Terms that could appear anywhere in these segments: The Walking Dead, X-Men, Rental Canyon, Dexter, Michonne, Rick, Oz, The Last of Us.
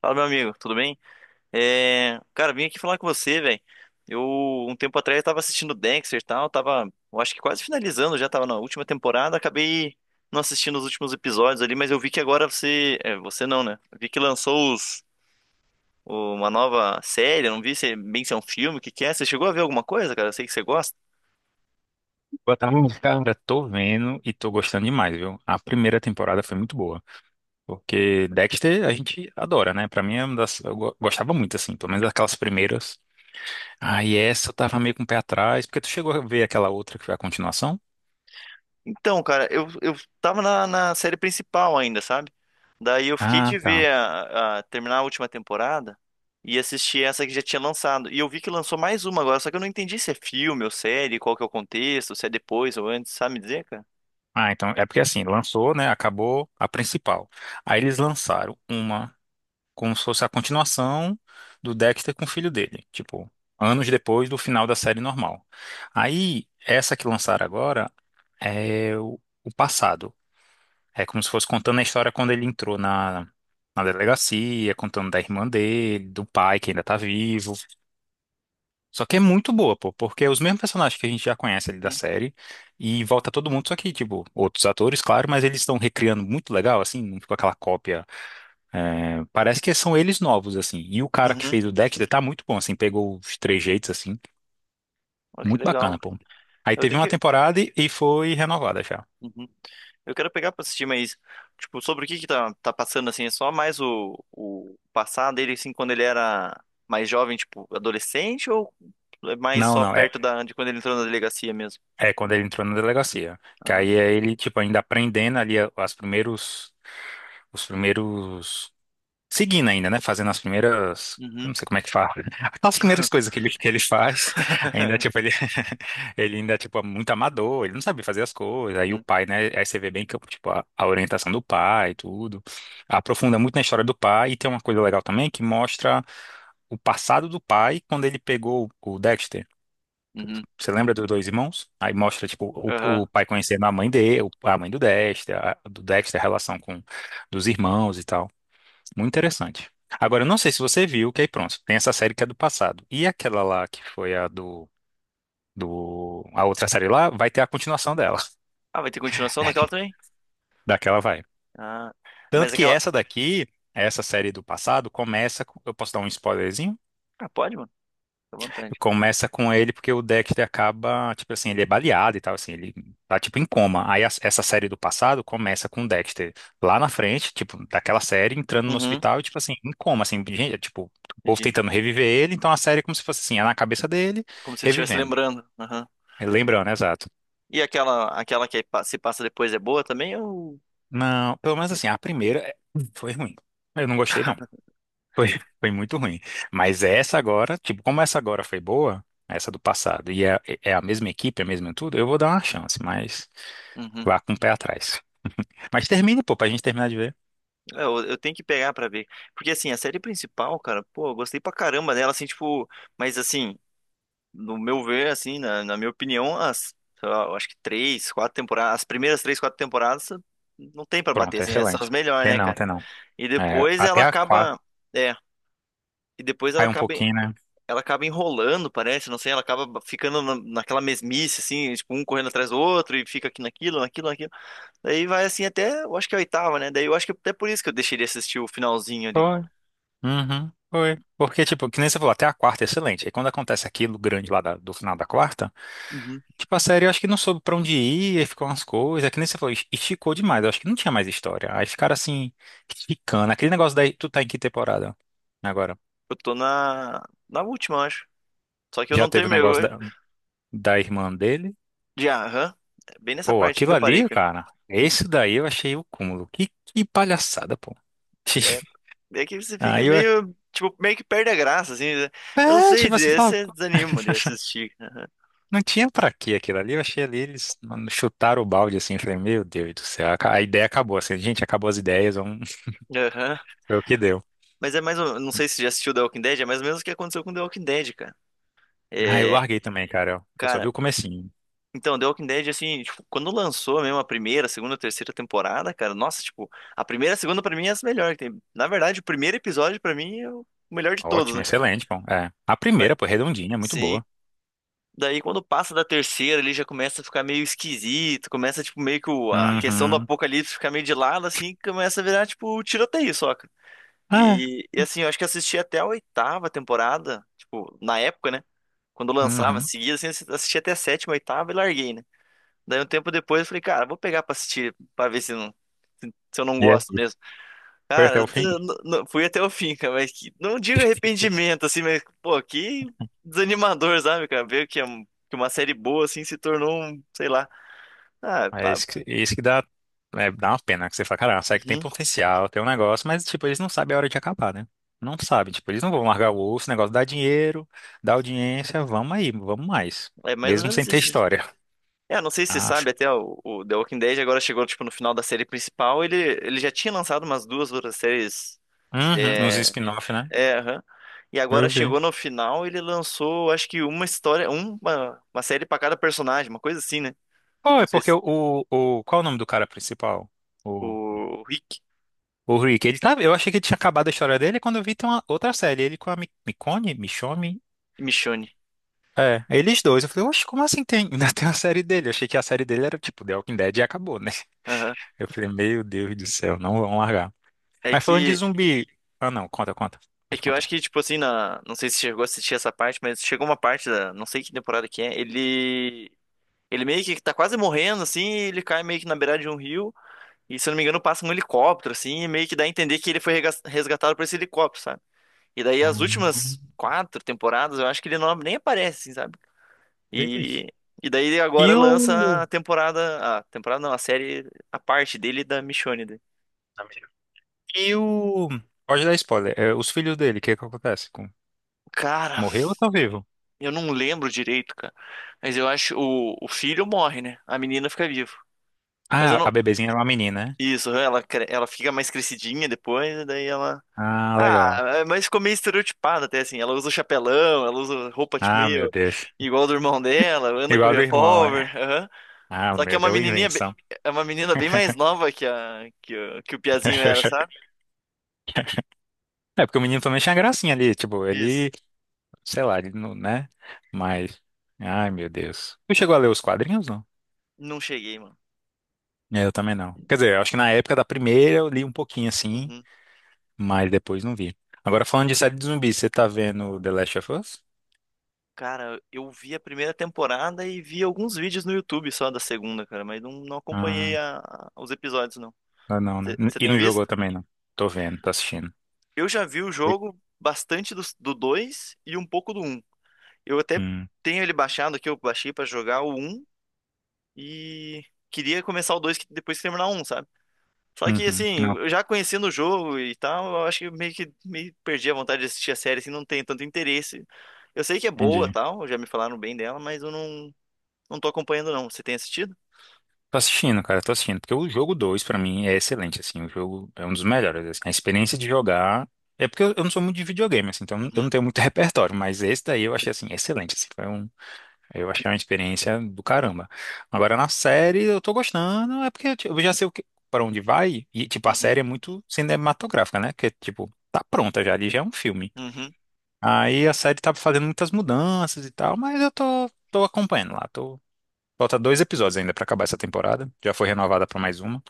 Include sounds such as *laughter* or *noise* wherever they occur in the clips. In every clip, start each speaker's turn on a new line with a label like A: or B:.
A: Fala, meu amigo, tudo bem? É, cara, vim aqui falar com você, velho. Eu, um tempo atrás, eu tava assistindo Dexter e tal, tava, eu acho que quase finalizando, já tava na última temporada, acabei não assistindo os últimos episódios ali, mas eu vi que agora você não, né? Eu vi que lançou uma nova série, eu não vi se é bem se é um filme, o que que é? Você chegou a ver alguma coisa, cara? Eu sei que você gosta.
B: Boa tarde, cara. Tô vendo e tô gostando demais, viu? A primeira temporada foi muito boa, porque Dexter a gente adora, né? Pra mim é uma das... gostava muito, assim, pelo menos daquelas primeiras. Ah, e essa eu tava meio com o pé atrás, porque tu chegou a ver aquela outra que foi a continuação?
A: Então, cara, eu tava na série principal ainda, sabe? Daí eu fiquei de
B: Ah, tá.
A: ver terminar a última temporada e assistir essa que já tinha lançado. E eu vi que lançou mais uma agora, só que eu não entendi se é filme ou série, qual que é o contexto, se é depois ou antes, sabe me dizer, cara?
B: Ah, então é porque assim, lançou, né? Acabou a principal. Aí eles lançaram uma. Como se fosse a continuação do Dexter com o filho dele, tipo, anos depois do final da série normal. Aí, essa que lançaram agora é o passado. É como se fosse contando a história quando ele entrou na, na delegacia, contando da irmã dele, do pai que ainda tá vivo. Só que é muito boa, pô, porque é os mesmos personagens que a gente já conhece ali da
A: Uhum.
B: série e volta todo mundo, só que, tipo, outros atores, claro, mas eles estão recriando muito legal, assim, não ficou aquela cópia, é, parece que são eles novos, assim. E o cara que
A: Uhum.
B: fez o Dexter tá muito bom, assim. Pegou os três jeitos, assim.
A: Olha que
B: Muito
A: legal.
B: bacana, pô. Aí
A: Eu
B: teve
A: tenho
B: uma
A: que.
B: temporada e foi renovada já.
A: Uhum. Eu quero pegar pra assistir, mas, tipo, sobre o que que tá passando, assim, é só mais o passado dele, assim, quando ele era mais jovem, tipo, adolescente, ou é mais
B: Não,
A: só
B: não. É,
A: perto de quando ele entrou na delegacia mesmo?
B: é quando ele entrou na delegacia. Que
A: Ah.
B: aí é ele, tipo, ainda aprendendo ali a- as primeiros, os primeiros, seguindo ainda, né? Fazendo as primeiras. Eu
A: Uhum.
B: não sei como é que fala. *laughs* As primeiras coisas que ele faz, ainda,
A: *laughs*
B: tipo, ele, *laughs* ele ainda, tipo, é muito amador, ele não sabe fazer as coisas. Aí o
A: Uhum.
B: pai, né? Aí você vê bem que, tipo, a orientação do pai e tudo. Aprofunda muito na história do pai. E tem uma coisa legal também que mostra o passado do pai quando ele pegou o Dexter.
A: Uhum.
B: Você lembra dos dois irmãos? Aí mostra, tipo, o,
A: Aham.
B: o pai conhecendo a mãe dele, a mãe do Dexter, do Dexter, a relação com dos irmãos e tal. Muito interessante. Agora, eu não sei se você viu, que aí pronto, tem essa série que é do passado. E aquela lá que foi a A outra série lá vai ter a continuação dela.
A: Ah, vai ter continuação daquela
B: *laughs*
A: também?
B: Daquela vai.
A: Ah,
B: Tanto
A: mas
B: que
A: aquela.
B: essa daqui, essa série do passado, Eu posso dar um spoilerzinho?
A: Ah, pode, mano. Fica à vontade.
B: Começa com ele porque o Dexter acaba, tipo assim, ele é baleado e tal, assim, ele tá tipo em coma. Essa série do passado começa com o Dexter lá na frente, tipo, daquela série, entrando no
A: Uhum,
B: hospital e, tipo assim, em coma, assim, gente, é, tipo, o povo
A: entendi.
B: tentando reviver ele, então a série é como se fosse assim, é na cabeça dele,
A: Como se ele estivesse
B: revivendo.
A: lembrando. Uhum.
B: Lembrando, exato.
A: E aquela que se passa depois é boa também? Ou.
B: Não, pelo menos assim, a primeira é, foi ruim. Eu não gostei, não. Foi, *laughs* foi muito ruim. Mas essa agora, tipo, como essa agora foi boa, essa do passado, e é a mesma equipe, é a mesma tudo, eu vou dar uma chance, mas
A: Uhum.
B: vá com o pé atrás. Mas termina, pô, pra gente terminar de ver.
A: É, eu tenho que pegar pra ver. Porque assim, a série principal, cara, pô, eu gostei pra caramba dela, assim, tipo. Mas assim, no meu ver, assim, na minha opinião, sei lá, eu acho que três, quatro temporadas, as primeiras três, quatro temporadas não tem pra bater,
B: Pronto, é
A: assim, essas são as
B: excelente.
A: melhores,
B: Tem
A: né,
B: não,
A: cara?
B: tem não.
A: E
B: É,
A: depois
B: até
A: ela
B: a quarta,
A: acaba. É. E depois ela
B: cai um
A: acaba.
B: pouquinho, né?
A: Ela acaba enrolando, parece, não sei, ela acaba ficando naquela mesmice, assim, tipo, um correndo atrás do outro e fica aqui naquilo, naquilo, naquilo. Daí vai assim até, eu acho que é a oitava, né? Daí eu acho que é até por isso que eu deixei de assistir o finalzinho ali.
B: Foi. Uhum, foi. Porque, tipo, que nem você falou, até a quarta é excelente. Aí quando acontece aquilo grande lá do final da quarta.
A: Uhum.
B: Tipo, a série eu acho que não soube pra onde ir, aí ficou umas coisas, é que nem você falou, esticou demais, eu acho que não tinha mais história. Aí ficaram assim, esticando. Aquele negócio daí, tu tá em que temporada agora?
A: Eu tô na última, eu acho. Só que eu
B: Já
A: não
B: teve o
A: terminei.
B: negócio
A: Eu-
B: da irmã dele?
A: De Aham. É. Bem nessa
B: Pô,
A: parte aí que
B: aquilo
A: eu parei,
B: ali,
A: cara.
B: cara,
A: *laughs*
B: esse daí eu achei o cúmulo. Que palhaçada, pô.
A: É,
B: *laughs*
A: é que você fica
B: Aí eu,
A: meio, tipo, meio que perde a graça, assim, né? Eu não
B: é,
A: sei
B: tipo, você
A: dizer,
B: fala, *laughs*
A: você
B: pô,
A: desanima de assistir. Aham.
B: não tinha pra quê aquilo ali, eu achei ali, eles mano, chutaram o balde assim, eu falei, meu Deus do céu, a ideia acabou, assim, gente, acabou as ideias, vamos
A: Aham.
B: *laughs* ver o que deu.
A: Mas é mais ou. Não sei se já assistiu The Walking Dead, é mais ou menos o que aconteceu com The Walking Dead, cara.
B: Ah, eu
A: É,
B: larguei também, cara. Eu só vi
A: cara,
B: o comecinho.
A: então, The Walking Dead, assim, tipo, quando lançou mesmo a primeira, segunda, terceira temporada, cara, nossa, tipo, a primeira e a segunda pra mim é as melhores que tem. Na verdade, o primeiro episódio pra mim é o melhor de todos,
B: Ótimo,
A: né?
B: excelente, bom. É. A
A: Mas-
B: primeira, pô, redondinha, é muito
A: Sim.
B: boa.
A: Daí quando passa da terceira, ele já começa a ficar meio esquisito, começa, tipo, meio que a questão do
B: Uhum.
A: apocalipse ficar meio de lado, assim, começa a virar, tipo, tiroteio só, cara.
B: Ah,
A: E assim, eu acho que assisti até a oitava temporada, tipo, na época, né? Quando lançava,
B: uhum.
A: seguia, assim, assisti até a sétima, oitava e larguei, né? Daí um tempo depois eu falei, cara, vou pegar pra assistir, pra ver se, não, se eu não
B: E
A: gosto
B: aí?
A: mesmo.
B: Foi até o
A: Cara,
B: fim?
A: eu fui até o fim, cara, mas que, não digo arrependimento, assim, mas, pô, que desanimador, sabe, cara? Ver que, é um- que uma série boa, assim, se tornou um, sei lá. Ah,
B: É
A: pá,
B: isso que dá, é, dá uma pena, que você fala, cara, sabe que tem
A: uhum,
B: potencial, tem um negócio, mas, tipo, eles não sabem a hora de acabar, né? Não sabem, tipo, eles não vão largar o osso, o negócio dá dinheiro, dá audiência, vamos aí, vamos mais.
A: é mais ou
B: Mesmo sem
A: menos
B: ter
A: isso, né?
B: história,
A: É, não sei se você
B: acho.
A: sabe, até o The Walking Dead agora chegou, tipo, no final da série principal, ele já tinha lançado umas duas outras séries,
B: Uhum, uns
A: é,
B: spin-off, né?
A: é, aham. E
B: Eu
A: agora
B: vi.
A: chegou no final, ele lançou, acho que uma história, uma série pra cada personagem, uma coisa assim, né?
B: Oh,
A: Não
B: é
A: sei
B: porque
A: se
B: o... Qual é o nome do cara principal?
A: o Rick
B: O Rick, ele tá, eu achei que ele tinha acabado a história dele quando eu vi tem uma outra série, ele com a Michonne,
A: e Michonne.
B: é, eles dois. Eu falei, oxe, como assim tem, *laughs* ainda tem uma série dele? Eu achei que a série dele era tipo The Walking Dead e acabou, né?
A: Aham.
B: *laughs* Eu falei, meu Deus do céu, não vão largar.
A: É
B: Mas falando de
A: que
B: zumbi, ah não, conta, conta,
A: é
B: pode
A: que eu acho
B: contar.
A: que tipo assim, não sei se chegou a assistir essa parte, mas chegou uma parte da, não sei que temporada que é, ele meio que tá quase morrendo assim, e ele cai meio que na beirada de um rio, e se eu não me engano passa um helicóptero assim, e meio que dá a entender que ele foi resgatado por esse helicóptero, sabe? E daí as
B: Hum,
A: últimas quatro temporadas, eu acho que ele não nem aparece, assim, sabe?
B: Beleza.
A: E, e daí agora
B: E
A: lança
B: o.
A: a temporada. A temporada não, a série, a parte dele da Michonne, daí.
B: Amigo. E o. Pode dar spoiler. É, os filhos dele, o que que acontece? Com...
A: Cara,
B: Morreu ou estão vivo?
A: eu não lembro direito, cara. Mas eu acho o filho morre, né? A menina fica viva. Mas eu
B: Ah, a
A: não.
B: bebezinha é uma menina, né?
A: Isso, ela fica mais crescidinha depois, e daí ela.
B: Ah,
A: Ah,
B: legal.
A: é, mas ficou meio estereotipada até assim. Ela usa o chapelão, ela usa roupa tipo
B: Ah, meu
A: meio
B: Deus.
A: igual do irmão dela, anda com
B: Igual do irmão, é.
A: revólver. Aham.
B: Ah,
A: Só que é
B: meu
A: uma
B: Deus,
A: menininha,
B: invenção.
A: é uma menina bem mais nova que a que, que o Piazinho era,
B: *laughs*
A: sabe?
B: É porque o menino também tinha gracinha ali, tipo,
A: Isso.
B: ele, sei lá, ele não, né? Mas, ai, meu Deus. Tu chegou a ler os quadrinhos, não?
A: Não cheguei, mano.
B: Eu também não. Quer dizer, eu acho que na época da primeira eu li um pouquinho assim,
A: Uhum.
B: mas depois não vi. Agora falando de série de zumbis, você tá vendo The Last of Us?
A: Cara, eu vi a primeira temporada e vi alguns vídeos no YouTube só da segunda, cara, mas não, não acompanhei
B: Ah,
A: os episódios, não.
B: ah, não, né?
A: Você
B: E
A: tem
B: não jogou
A: visto?
B: também, não. Tô vendo, tô assistindo.
A: Eu já vi o
B: Oi?
A: jogo bastante do 2 e um pouco do um. Eu até
B: Hum,
A: tenho ele baixado aqui, eu baixei pra jogar o um e queria começar o 2 depois que terminar o 1, sabe? Só que,
B: uhum,
A: assim,
B: não,
A: eu já conhecendo o jogo e tal, eu acho que meio perdi a vontade de assistir a série, assim, não tenho tanto interesse. Eu sei que é boa,
B: entendi.
A: tal, já me falaram bem dela, mas eu não. Não tô acompanhando, não. Você tem assistido?
B: Tô assistindo, cara, tô assistindo. Porque o jogo 2 pra mim, é excelente, assim. O jogo é um dos melhores, assim. A experiência de jogar... É porque eu não sou muito de videogame, assim. Então eu não
A: Uhum,
B: tenho muito *laughs* repertório. Mas esse daí eu achei, assim, excelente, assim. Foi um, eu achei uma experiência do caramba. Agora na série eu tô gostando, é porque tipo, eu já sei o que, para onde vai e tipo a
A: uhum,
B: série é muito cinematográfica, né? Que tipo tá pronta já, ali já é um filme.
A: uhum.
B: Aí a série tá fazendo muitas mudanças e tal, mas eu tô acompanhando lá. Tô, falta dois episódios ainda pra acabar essa temporada. Já foi renovada pra mais uma.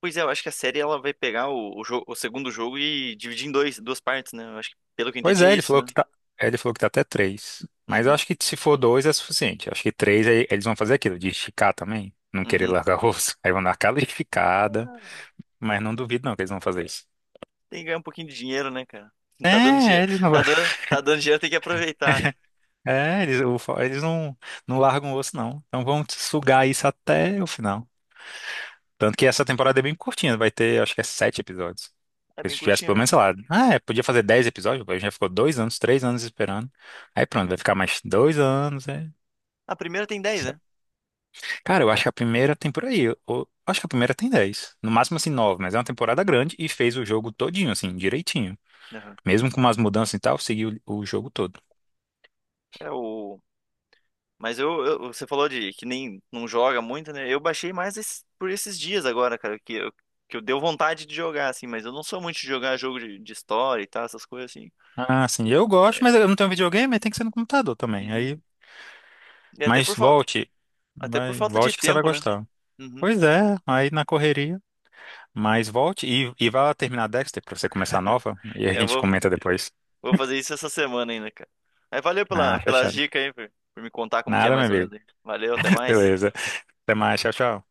A: Pois é, eu acho que a série ela vai pegar o segundo jogo e dividir em dois, duas partes, né? Eu acho que, pelo que eu
B: Pois
A: entendi, é
B: é, ele
A: isso,
B: falou
A: né?
B: que tá, é, ele falou que tá até três. Mas eu
A: Uhum,
B: acho que se for dois é suficiente. Acho que três aí eles vão fazer aquilo de esticar também, não querer
A: uhum.
B: largar o osso. *laughs* Aí vão dar aquela esticada.
A: Ah,
B: Mas não duvido não que eles vão fazer isso.
A: tem que ganhar um pouquinho de dinheiro, né, cara? *laughs* Tá dando
B: É,
A: dinheiro.
B: eles não, *laughs*
A: Tá dando dinheiro, tem que aproveitar, né?
B: é, eles, eles não, não largam o osso, não. Então vão sugar isso até o final. Tanto que essa temporada é bem curtinha, vai ter, acho que é sete episódios.
A: É
B: Porque se
A: bem
B: tivesse
A: curtinho
B: pelo menos,
A: mesmo.
B: sei lá, ah, é, podia fazer 10 episódios, a gente já ficou 2 anos, 3 anos esperando. Aí pronto, vai ficar mais 2 anos. É.
A: A primeira tem 10, né?
B: Cara, eu acho que a primeira tem por aí. Eu acho que a primeira tem 10, no máximo, assim, 9, mas é uma temporada
A: Uhum.
B: grande e fez o jogo todinho, assim, direitinho.
A: Aham.
B: Mesmo com umas mudanças e tal, seguiu o jogo todo.
A: É o. Mas eu, você falou de que nem não joga muito, né? Eu baixei mais por esses dias agora, cara, que eu deu vontade de jogar, assim, mas eu não sou muito de jogar jogo de história e tal, essas coisas assim.
B: Ah, sim, eu gosto, mas eu não tenho videogame, aí tem que ser no computador também.
A: Uhum.
B: Aí,
A: E
B: mas volte,
A: até por
B: vai,
A: falta de
B: volte que você vai
A: tempo, né?
B: gostar.
A: Uhum.
B: Pois é, aí na correria. Mas volte e vá terminar Dexter pra você começar a nova e a
A: É, Eu
B: gente
A: vou,
B: comenta depois.
A: vou fazer
B: *laughs*
A: isso essa semana ainda, cara. Mas valeu
B: Ah,
A: pelas
B: fechado.
A: dicas aí, por me contar como que é
B: Nada, meu
A: mais ou
B: amigo.
A: menos aí. Valeu, até
B: *laughs*
A: mais.
B: Beleza. Até mais, tchau, tchau.